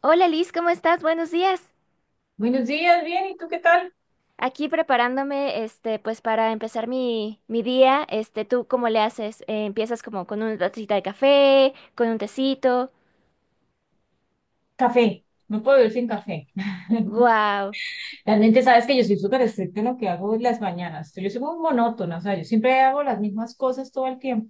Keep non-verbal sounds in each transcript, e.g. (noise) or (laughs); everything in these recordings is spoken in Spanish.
Hola Liz, ¿cómo estás? Buenos días. Buenos días, bien, ¿y tú qué tal? Aquí preparándome, pues para empezar mi día, ¿tú cómo le haces? ¿Empiezas como con una tacita de café, con un tecito? Café, no puedo vivir sin café. Wow, (laughs) Realmente sabes que yo soy súper estricta en lo que hago en las mañanas. Yo soy muy monótona, o sea, yo siempre hago las mismas cosas todo el tiempo.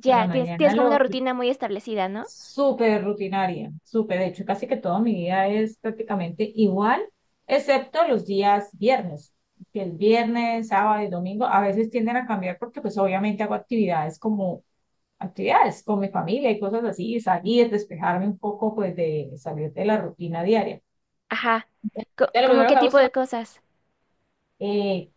O sea, la tienes, mañana tienes como una lo rutina muy establecida, ¿no? súper rutinaria, súper, de hecho, casi que toda mi vida es prácticamente igual, excepto los días viernes, que el viernes, sábado y domingo a veces tienden a cambiar porque pues obviamente hago actividades como actividades con mi familia y cosas así, salir, despejarme un poco, pues de salir de la rutina diaria. Ajá, De lo ¿cómo primero qué que me tipo gusta, de cosas? eh,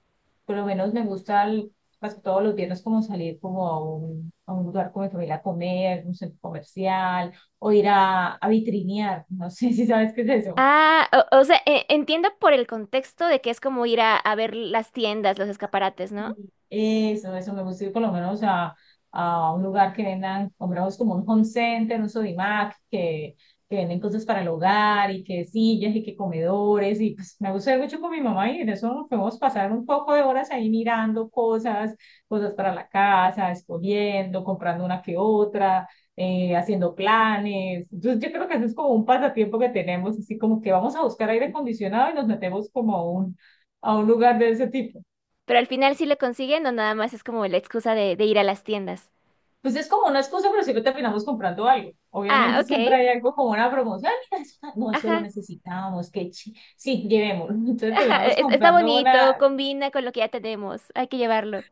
por lo menos me gusta casi todos los viernes como salir como a un lugar con mi familia a comer, un centro comercial o ir a vitrinear, no sé (laughs) si sabes qué es eso. Ah, o sea, entiendo por el contexto de que es como ir a ver las tiendas, los escaparates, ¿no? Eso me gusta ir por lo menos a un lugar que vendan, compramos como un home center, un Sodimac, que venden cosas para el hogar y que sillas y que comedores. Y pues me gusta ir mucho con mi mamá y en eso nos podemos pasar un poco de horas ahí mirando cosas, cosas para la casa, escogiendo, comprando una que otra, haciendo planes. Entonces yo creo que eso es como un pasatiempo que tenemos, así como que vamos a buscar aire acondicionado y nos metemos como a un lugar de ese tipo. Pero al final sí lo consiguen o nada más es como la excusa de ir a las tiendas. Pues es como una excusa, pero siempre terminamos comprando algo. Ah, Obviamente ok, siempre hay algo como una promoción. (laughs) "Ah, mira, no, eso lo ajá. necesitábamos que sí, llevémoslo." (laughs) Entonces Ajá, terminamos está comprando una, bonito, combina con lo que ya tenemos, hay que llevarlo.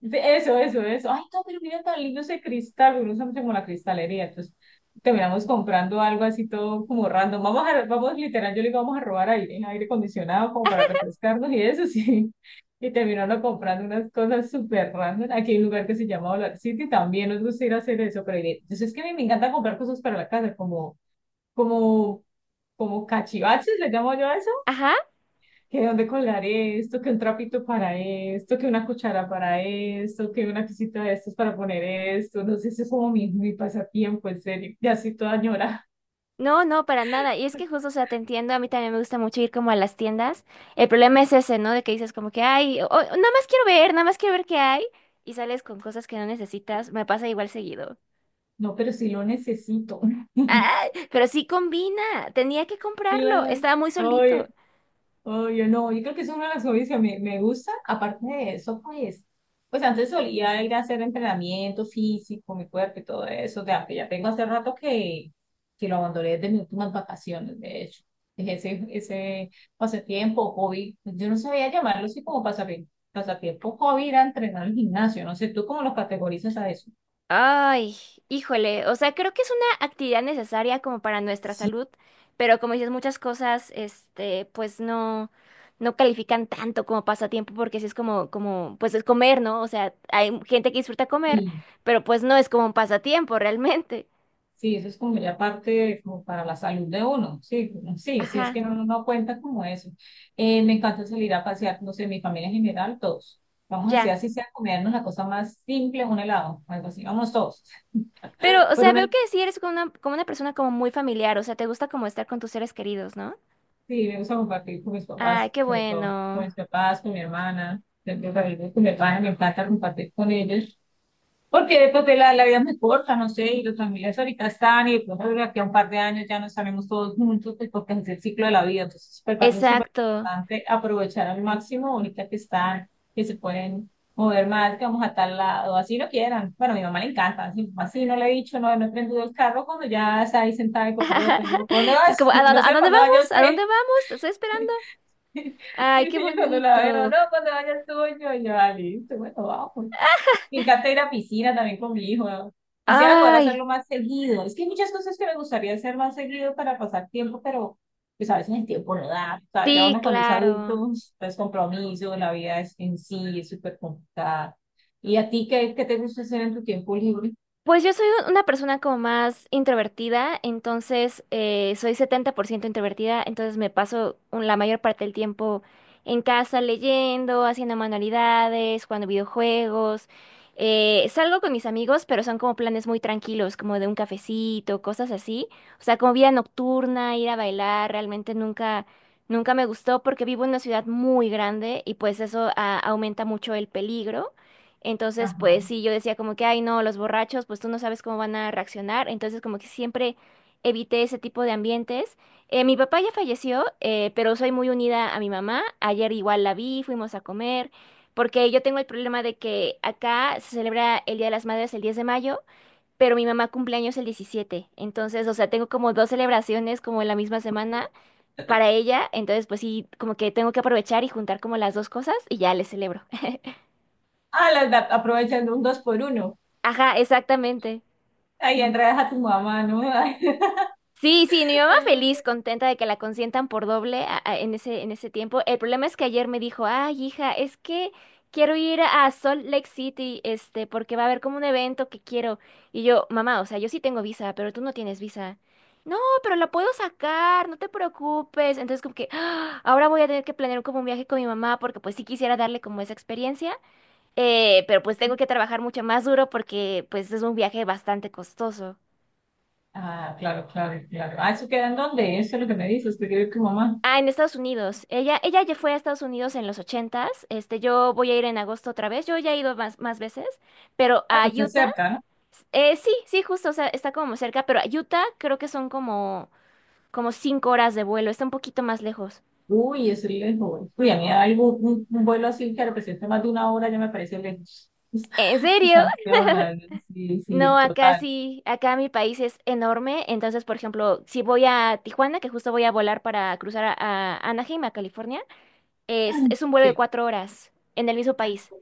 eso, eso, eso. Ay, no, pero mira tan lindo ese cristal, uno usamos como la cristalería, entonces terminamos comprando algo así todo como random. Vamos literal, yo le digo, vamos a robar aire acondicionado como para refrescarnos y eso, (laughs) sí. Y terminando comprando unas cosas súper random. Aquí hay un lugar que se llama Dollar City, también nos gusta ir a hacer eso, pero entonces es que a mí me encanta comprar cosas para la casa, como, como cachivaches, le llamo yo a eso, Ajá, que dónde colgar esto, que un trapito para esto, que una cuchara para esto, que una cosita de estas para poner esto, no sé, ese es como mi pasatiempo, en serio, ya soy toda ñora, no, no, para nada. Y es que justo, o sea, te entiendo, a mí también me gusta mucho ir como a las tiendas. El problema es ese, ¿no? De que dices como que, ay, nada más quiero ver, nada más quiero ver qué hay. Y sales con cosas que no necesitas, me pasa igual seguido. no, pero sí lo necesito, (laughs) Ay, pero sí combina, tenía que comprarlo, claro, estaba muy solito. oye, oh, yo no, yo creo que es una de las hobbies que me gusta, aparte de eso, pues antes solía ir a hacer entrenamiento físico, mi cuerpo y todo eso, de que ya tengo hace rato que lo abandoné desde mis últimas vacaciones, de hecho, dejé ese pasatiempo, hobby, yo no sabía llamarlo así como pasatiempo, hobby era entrenar al gimnasio, no sé, ¿tú cómo lo categorizas a eso? Ay, híjole, o sea, creo que es una actividad necesaria como para nuestra Sí, salud, pero como dices, muchas cosas, pues no califican tanto como pasatiempo, porque sí es como, pues es comer, ¿no? O sea, hay gente que disfruta comer, pero pues no es como un pasatiempo realmente. sí, eso es como ya parte como para la salud de uno, sí, sí, sí, es Ajá, que uno no cuenta como eso. Me encanta salir a pasear, no sé, mi familia en general, todos. Vamos así, ya. así sea, comernos la cosa más simple, un helado, algo así, vamos todos. Pero, o Pero sea, una, veo que sí eres como una persona como muy familiar, o sea, te gusta como estar con tus seres queridos, ¿no? sí, me gusta compartir con mis Ay, papás, qué sobre todo, con bueno. mis papás, con mi hermana, siempre con mi hermana, me encanta compartir con ellos. Porque después de la vida es muy corta, no sé, y los familiares ahorita están, y de pronto de aquí a un par de años ya no estaremos todos juntos, pues porque es el ciclo de la vida. Entonces, me parece súper Exacto. importante aprovechar al máximo ahorita que están, que se pueden mover más, que vamos a tal lado, así lo quieran. Bueno, a mi mamá le encanta, así, así no le he dicho, no, no he prendido el carro cuando ya está ahí sentada en copiloto. Y yo, (laughs) ¿cuándo Sí, es vas? como, (laughs) No a sé, dónde ¿cuando vaya vamos? usted? ¿A dónde vamos? Te estoy esperando. (laughs) Sí, Ay, sí, qué yo cuando la veo, bonito. no, cuando vayas tú, yo, y yo, ah, listo, bueno, vamos. Me encanta ir a piscina también con mi hijo. Quisiera poder Ay, hacerlo más seguido. Es que hay muchas cosas que me gustaría hacer más seguido para pasar tiempo, pero pues a veces el tiempo no da. O sea, ya sí, uno cuando es adulto, claro. pues, compromiso, la vida es, en sí es súper complicada. ¿Y a ti qué, qué te gusta hacer en tu tiempo libre? Pues yo soy una persona como más introvertida, entonces soy 70% introvertida, entonces me paso la mayor parte del tiempo en casa leyendo, haciendo manualidades, jugando videojuegos. Salgo con mis amigos, pero son como planes muy tranquilos, como de un cafecito, cosas así. O sea, como vida nocturna, ir a bailar, realmente nunca me gustó porque vivo en una ciudad muy grande y pues eso aumenta mucho el peligro. Entonces, pues Ajá. sí, yo decía como que, ay, no, los borrachos, pues tú no sabes cómo van a reaccionar. Entonces, como que siempre evité ese tipo de ambientes. Mi papá ya falleció, pero soy muy unida a mi mamá. Ayer igual la vi, fuimos a comer, porque yo tengo el problema de que acá se celebra el Día de las Madres el 10 de mayo, pero mi mamá cumpleaños el 17. Entonces, o sea, tengo como dos celebraciones como en la misma semana para ella. Entonces, pues sí, como que tengo que aprovechar y juntar como las dos cosas y ya les celebro. (laughs) Ah, aprovechando un 2x1. Ajá, exactamente. Ahí enredas a tu mamá, ¿no? (laughs) Sí, sí, mi mamá feliz, contenta de que la consientan por doble en ese tiempo. El problema es que ayer me dijo, ay, hija, es que quiero ir a Salt Lake City, porque va a haber como un evento que quiero. Y yo, mamá, o sea, yo sí tengo visa, pero tú no tienes visa. No, pero la puedo sacar, no te preocupes. Entonces, como que "Ah, ahora voy a tener que planear como un viaje con mi mamá, porque pues sí quisiera darle como esa experiencia, pero pues tengo que trabajar mucho más duro porque pues es un viaje bastante costoso. Ah, claro, claro, claro. Ah, ¿eso queda en dónde? Eso es lo que me dices, que vive tu mamá. Ah, en Estados Unidos. Ella ya fue a Estados Unidos en los 80. Yo voy a ir en agosto otra vez. Yo ya he ido más, más veces, pero Ah, a pues está Utah, cerca, no. Sí, sí, justo, o sea, está como cerca, pero a Utah creo que son como 5 horas de vuelo. Está un poquito más lejos. Uy, es lejos. Uy, a mí algo, un vuelo así que represente más de una hora ya me parece lejos. ¿En (laughs) serio? Santiago, la sí, sí, No, acá total. sí, acá mi país es enorme. Entonces, por ejemplo, si voy a Tijuana, que justo voy a volar para cruzar a Anaheim, a California, (clears throat) es un vuelo de Sí, 4 horas en el mismo país.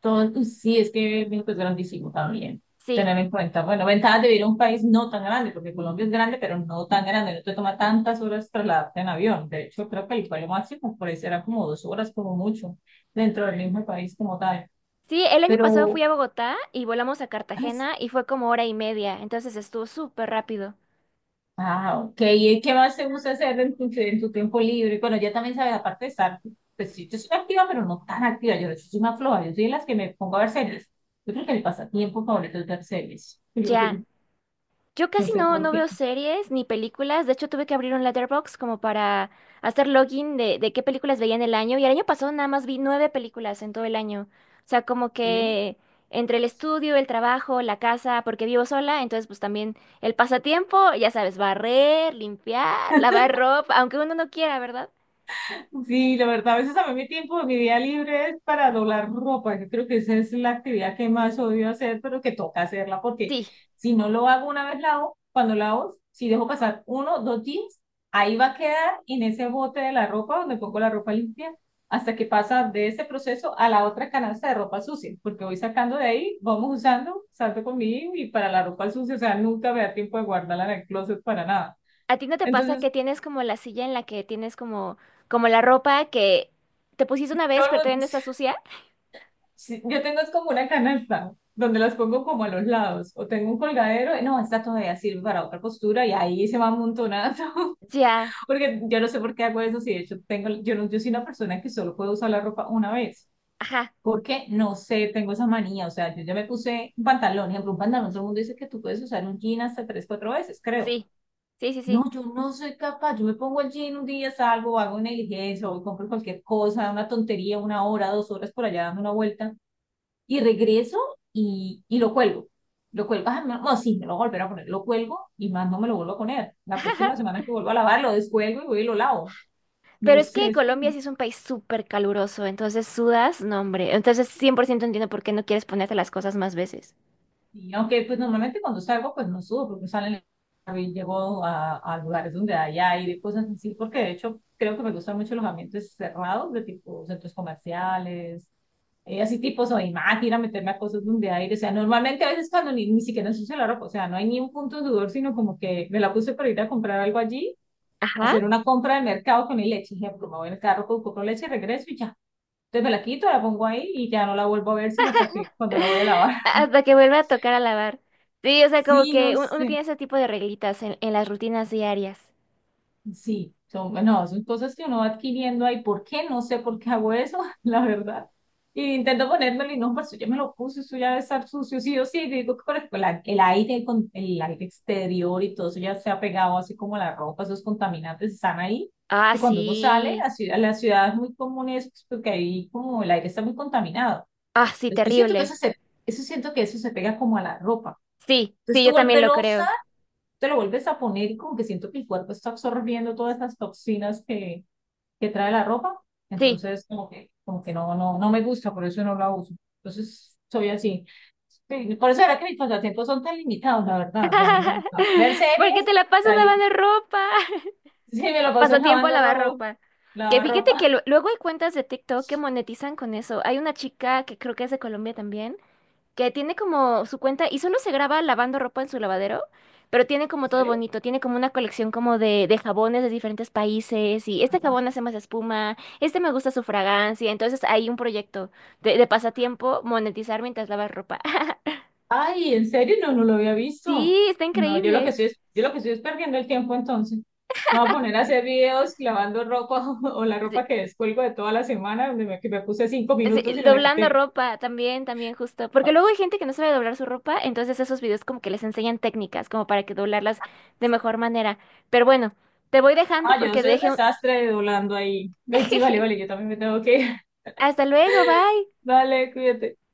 todo, sí, es que México es grandísimo también. Sí. Tener en cuenta, bueno, ventajas de vivir en un país no tan grande, porque Colombia es grande, pero no tan grande, no te toma tantas horas trasladarte en avión. De hecho, creo que el vuelo máximo por ahí será como 2 horas, como mucho, dentro del mismo país como tal. Sí, el año pasado fui Pero, a Bogotá y volamos a Cartagena y fue como hora y media, entonces estuvo súper rápido. ah, ok. ¿Y qué más te gusta hacer en tu tiempo libre? Bueno, ya también sabes, aparte de estar, pues sí, yo soy activa, pero no tan activa. Yo soy más floja, yo soy de las que me pongo a ver series. Yo creo que el pasatiempo favorito es ver series. Ya. (laughs) Yo Yo no casi sé por no veo series ni películas, de hecho tuve que abrir un Letterboxd como para hacer login de qué películas veía en el año y el año pasado nada más vi nueve películas en todo el año. O sea, como qué. que entre el estudio, el trabajo, la casa, porque vivo sola, entonces pues también el pasatiempo, ya sabes, barrer, limpiar, (laughs) lavar ropa, aunque uno no quiera, ¿verdad? Sí, la verdad, a veces a mí mi tiempo, de mi día libre es para doblar ropa. Yo creo que esa es la actividad que más odio hacer, pero que toca hacerla porque Sí. si no lo hago una vez lavo, cuando lavo, si dejo pasar uno, dos días, ahí va a quedar en ese bote de la ropa donde pongo la ropa limpia hasta que pasa de ese proceso a la otra canasta de ropa sucia, porque voy sacando de ahí, vamos usando, salto con mi hijo y para la ropa sucia, o sea, nunca me da tiempo de guardarla en el closet para nada. ¿A ti no te pasa Entonces, que tienes como la silla en la que tienes como la ropa que te pusiste una todo vez, el pero todavía mundo, no está sucia? sí, yo tengo es como una canasta donde las pongo como a los lados o tengo un colgadero, y no, esta todavía sirve para otra postura y ahí se va amontonando, Ya, (laughs) porque yo no sé por qué hago eso, si de hecho tengo, yo, no, yo soy una persona que solo puedo usar la ropa una vez, ajá, porque no sé, tengo esa manía, o sea, yo ya me puse un pantalón, ejemplo, un pantalón, todo el mundo dice que tú puedes usar un jean hasta tres, cuatro veces, creo. sí, sí, sí, No, sí. yo no soy capaz, yo me pongo el jean un día, salgo, hago una diligencia o compro cualquier cosa, una tontería, 1 hora, 2 horas por allá dando una vuelta y regreso y lo cuelgo. Lo cuelgo, ah, no, no, sí, me lo volveré a poner, lo cuelgo y más no me lo vuelvo a poner. La (laughs) Ajá. próxima semana que vuelvo a lavar, lo descuelgo y voy y lo lavo. No Pero es sé, que es Colombia como, sí es un país súper caluroso, entonces sudas, no, hombre. Entonces 100% entiendo por qué no quieres ponerte las cosas más veces. y aunque pues normalmente cuando salgo, pues no subo, porque salen, y llego a lugares donde hay aire, cosas así, porque de hecho creo que me gustan mucho los ambientes cerrados, de tipo centros comerciales, así tipo soy más, ir a meterme a cosas donde aire, o sea, normalmente a veces cuando ni siquiera ensucio la ropa, o sea, no hay ni un punto de sudor, sino como que me la puse para ir a comprar algo allí, Ajá. hacer una compra de mercado con mi leche, ejemplo, me voy en el carro, compro leche, regreso y ya. Entonces me la quito, la pongo ahí y ya no la vuelvo a ver, sino hasta que cuando la voy a lavar. (laughs) (laughs) Hasta que vuelva a tocar a lavar. Sí, o sea, como Sí, que no uno sé. tiene ese tipo de reglitas en, las rutinas diarias. Sí, son, no, son cosas que uno va adquiriendo ahí. ¿Por qué? No sé por qué hago eso, (laughs) la verdad. Y intento ponérmelo y no, pues yo ya me lo puse, eso ya debe estar sucio, sí o sí. Y digo que por ejemplo el aire, con el aire exterior y todo eso ya se ha pegado así como la ropa, esos contaminantes están ahí. Ah, Que cuando uno sale, sí. La ciudad es muy común eso, pues, porque ahí como el aire está muy contaminado. Ah, sí, Entonces, yo siento que terrible. Eso siento que eso se pega como a la ropa. Sí, Entonces sí, yo tú también lo volverlo creo. te lo vuelves a poner y como que siento que el cuerpo está absorbiendo todas esas toxinas que trae la ropa, Sí. entonces como que, no, no, no me gusta, por eso no la uso. Entonces soy así. Sí, por eso era que mis pasatiempos son tan limitados, la verdad. O sea, a mí me gusta ver (laughs) Porque series, te la pasas salir. lavando (laughs) ropa. Sí, me lo paso Pasatiempo a lavando lavar ropa, ropa. Que lavar fíjate que ropa. Luego hay cuentas de TikTok que monetizan con eso. Hay una chica que creo que es de Colombia también, que tiene como su cuenta y solo se graba lavando ropa en su lavadero, pero tiene como ¿En todo serio? bonito. Tiene como una colección como de jabones de diferentes países y este jabón hace más espuma, este me gusta su fragancia. Entonces hay un proyecto de pasatiempo monetizar mientras lavas ropa. (laughs) Ay, ¿en serio? No, no lo había visto. Sí, está No, yo lo que increíble. estoy es, yo lo que estoy es perdiendo el tiempo entonces. Me voy a poner a hacer videos lavando ropa (laughs) o la Sí, ropa que descuelgo de toda la semana, que me puse cinco sí, minutos y me la doblando quité. ropa también, justo. Porque luego hay gente que no sabe doblar su ropa, entonces esos videos como que les enseñan técnicas, como para que doblarlas de mejor manera. Pero bueno, te voy dejando Ah, yo porque soy un dejé un. desastre doblando ahí. Ay, sí, vale, vale, (laughs) yo también me tengo que ir. Hasta luego, bye. (laughs) Dale, cuídate.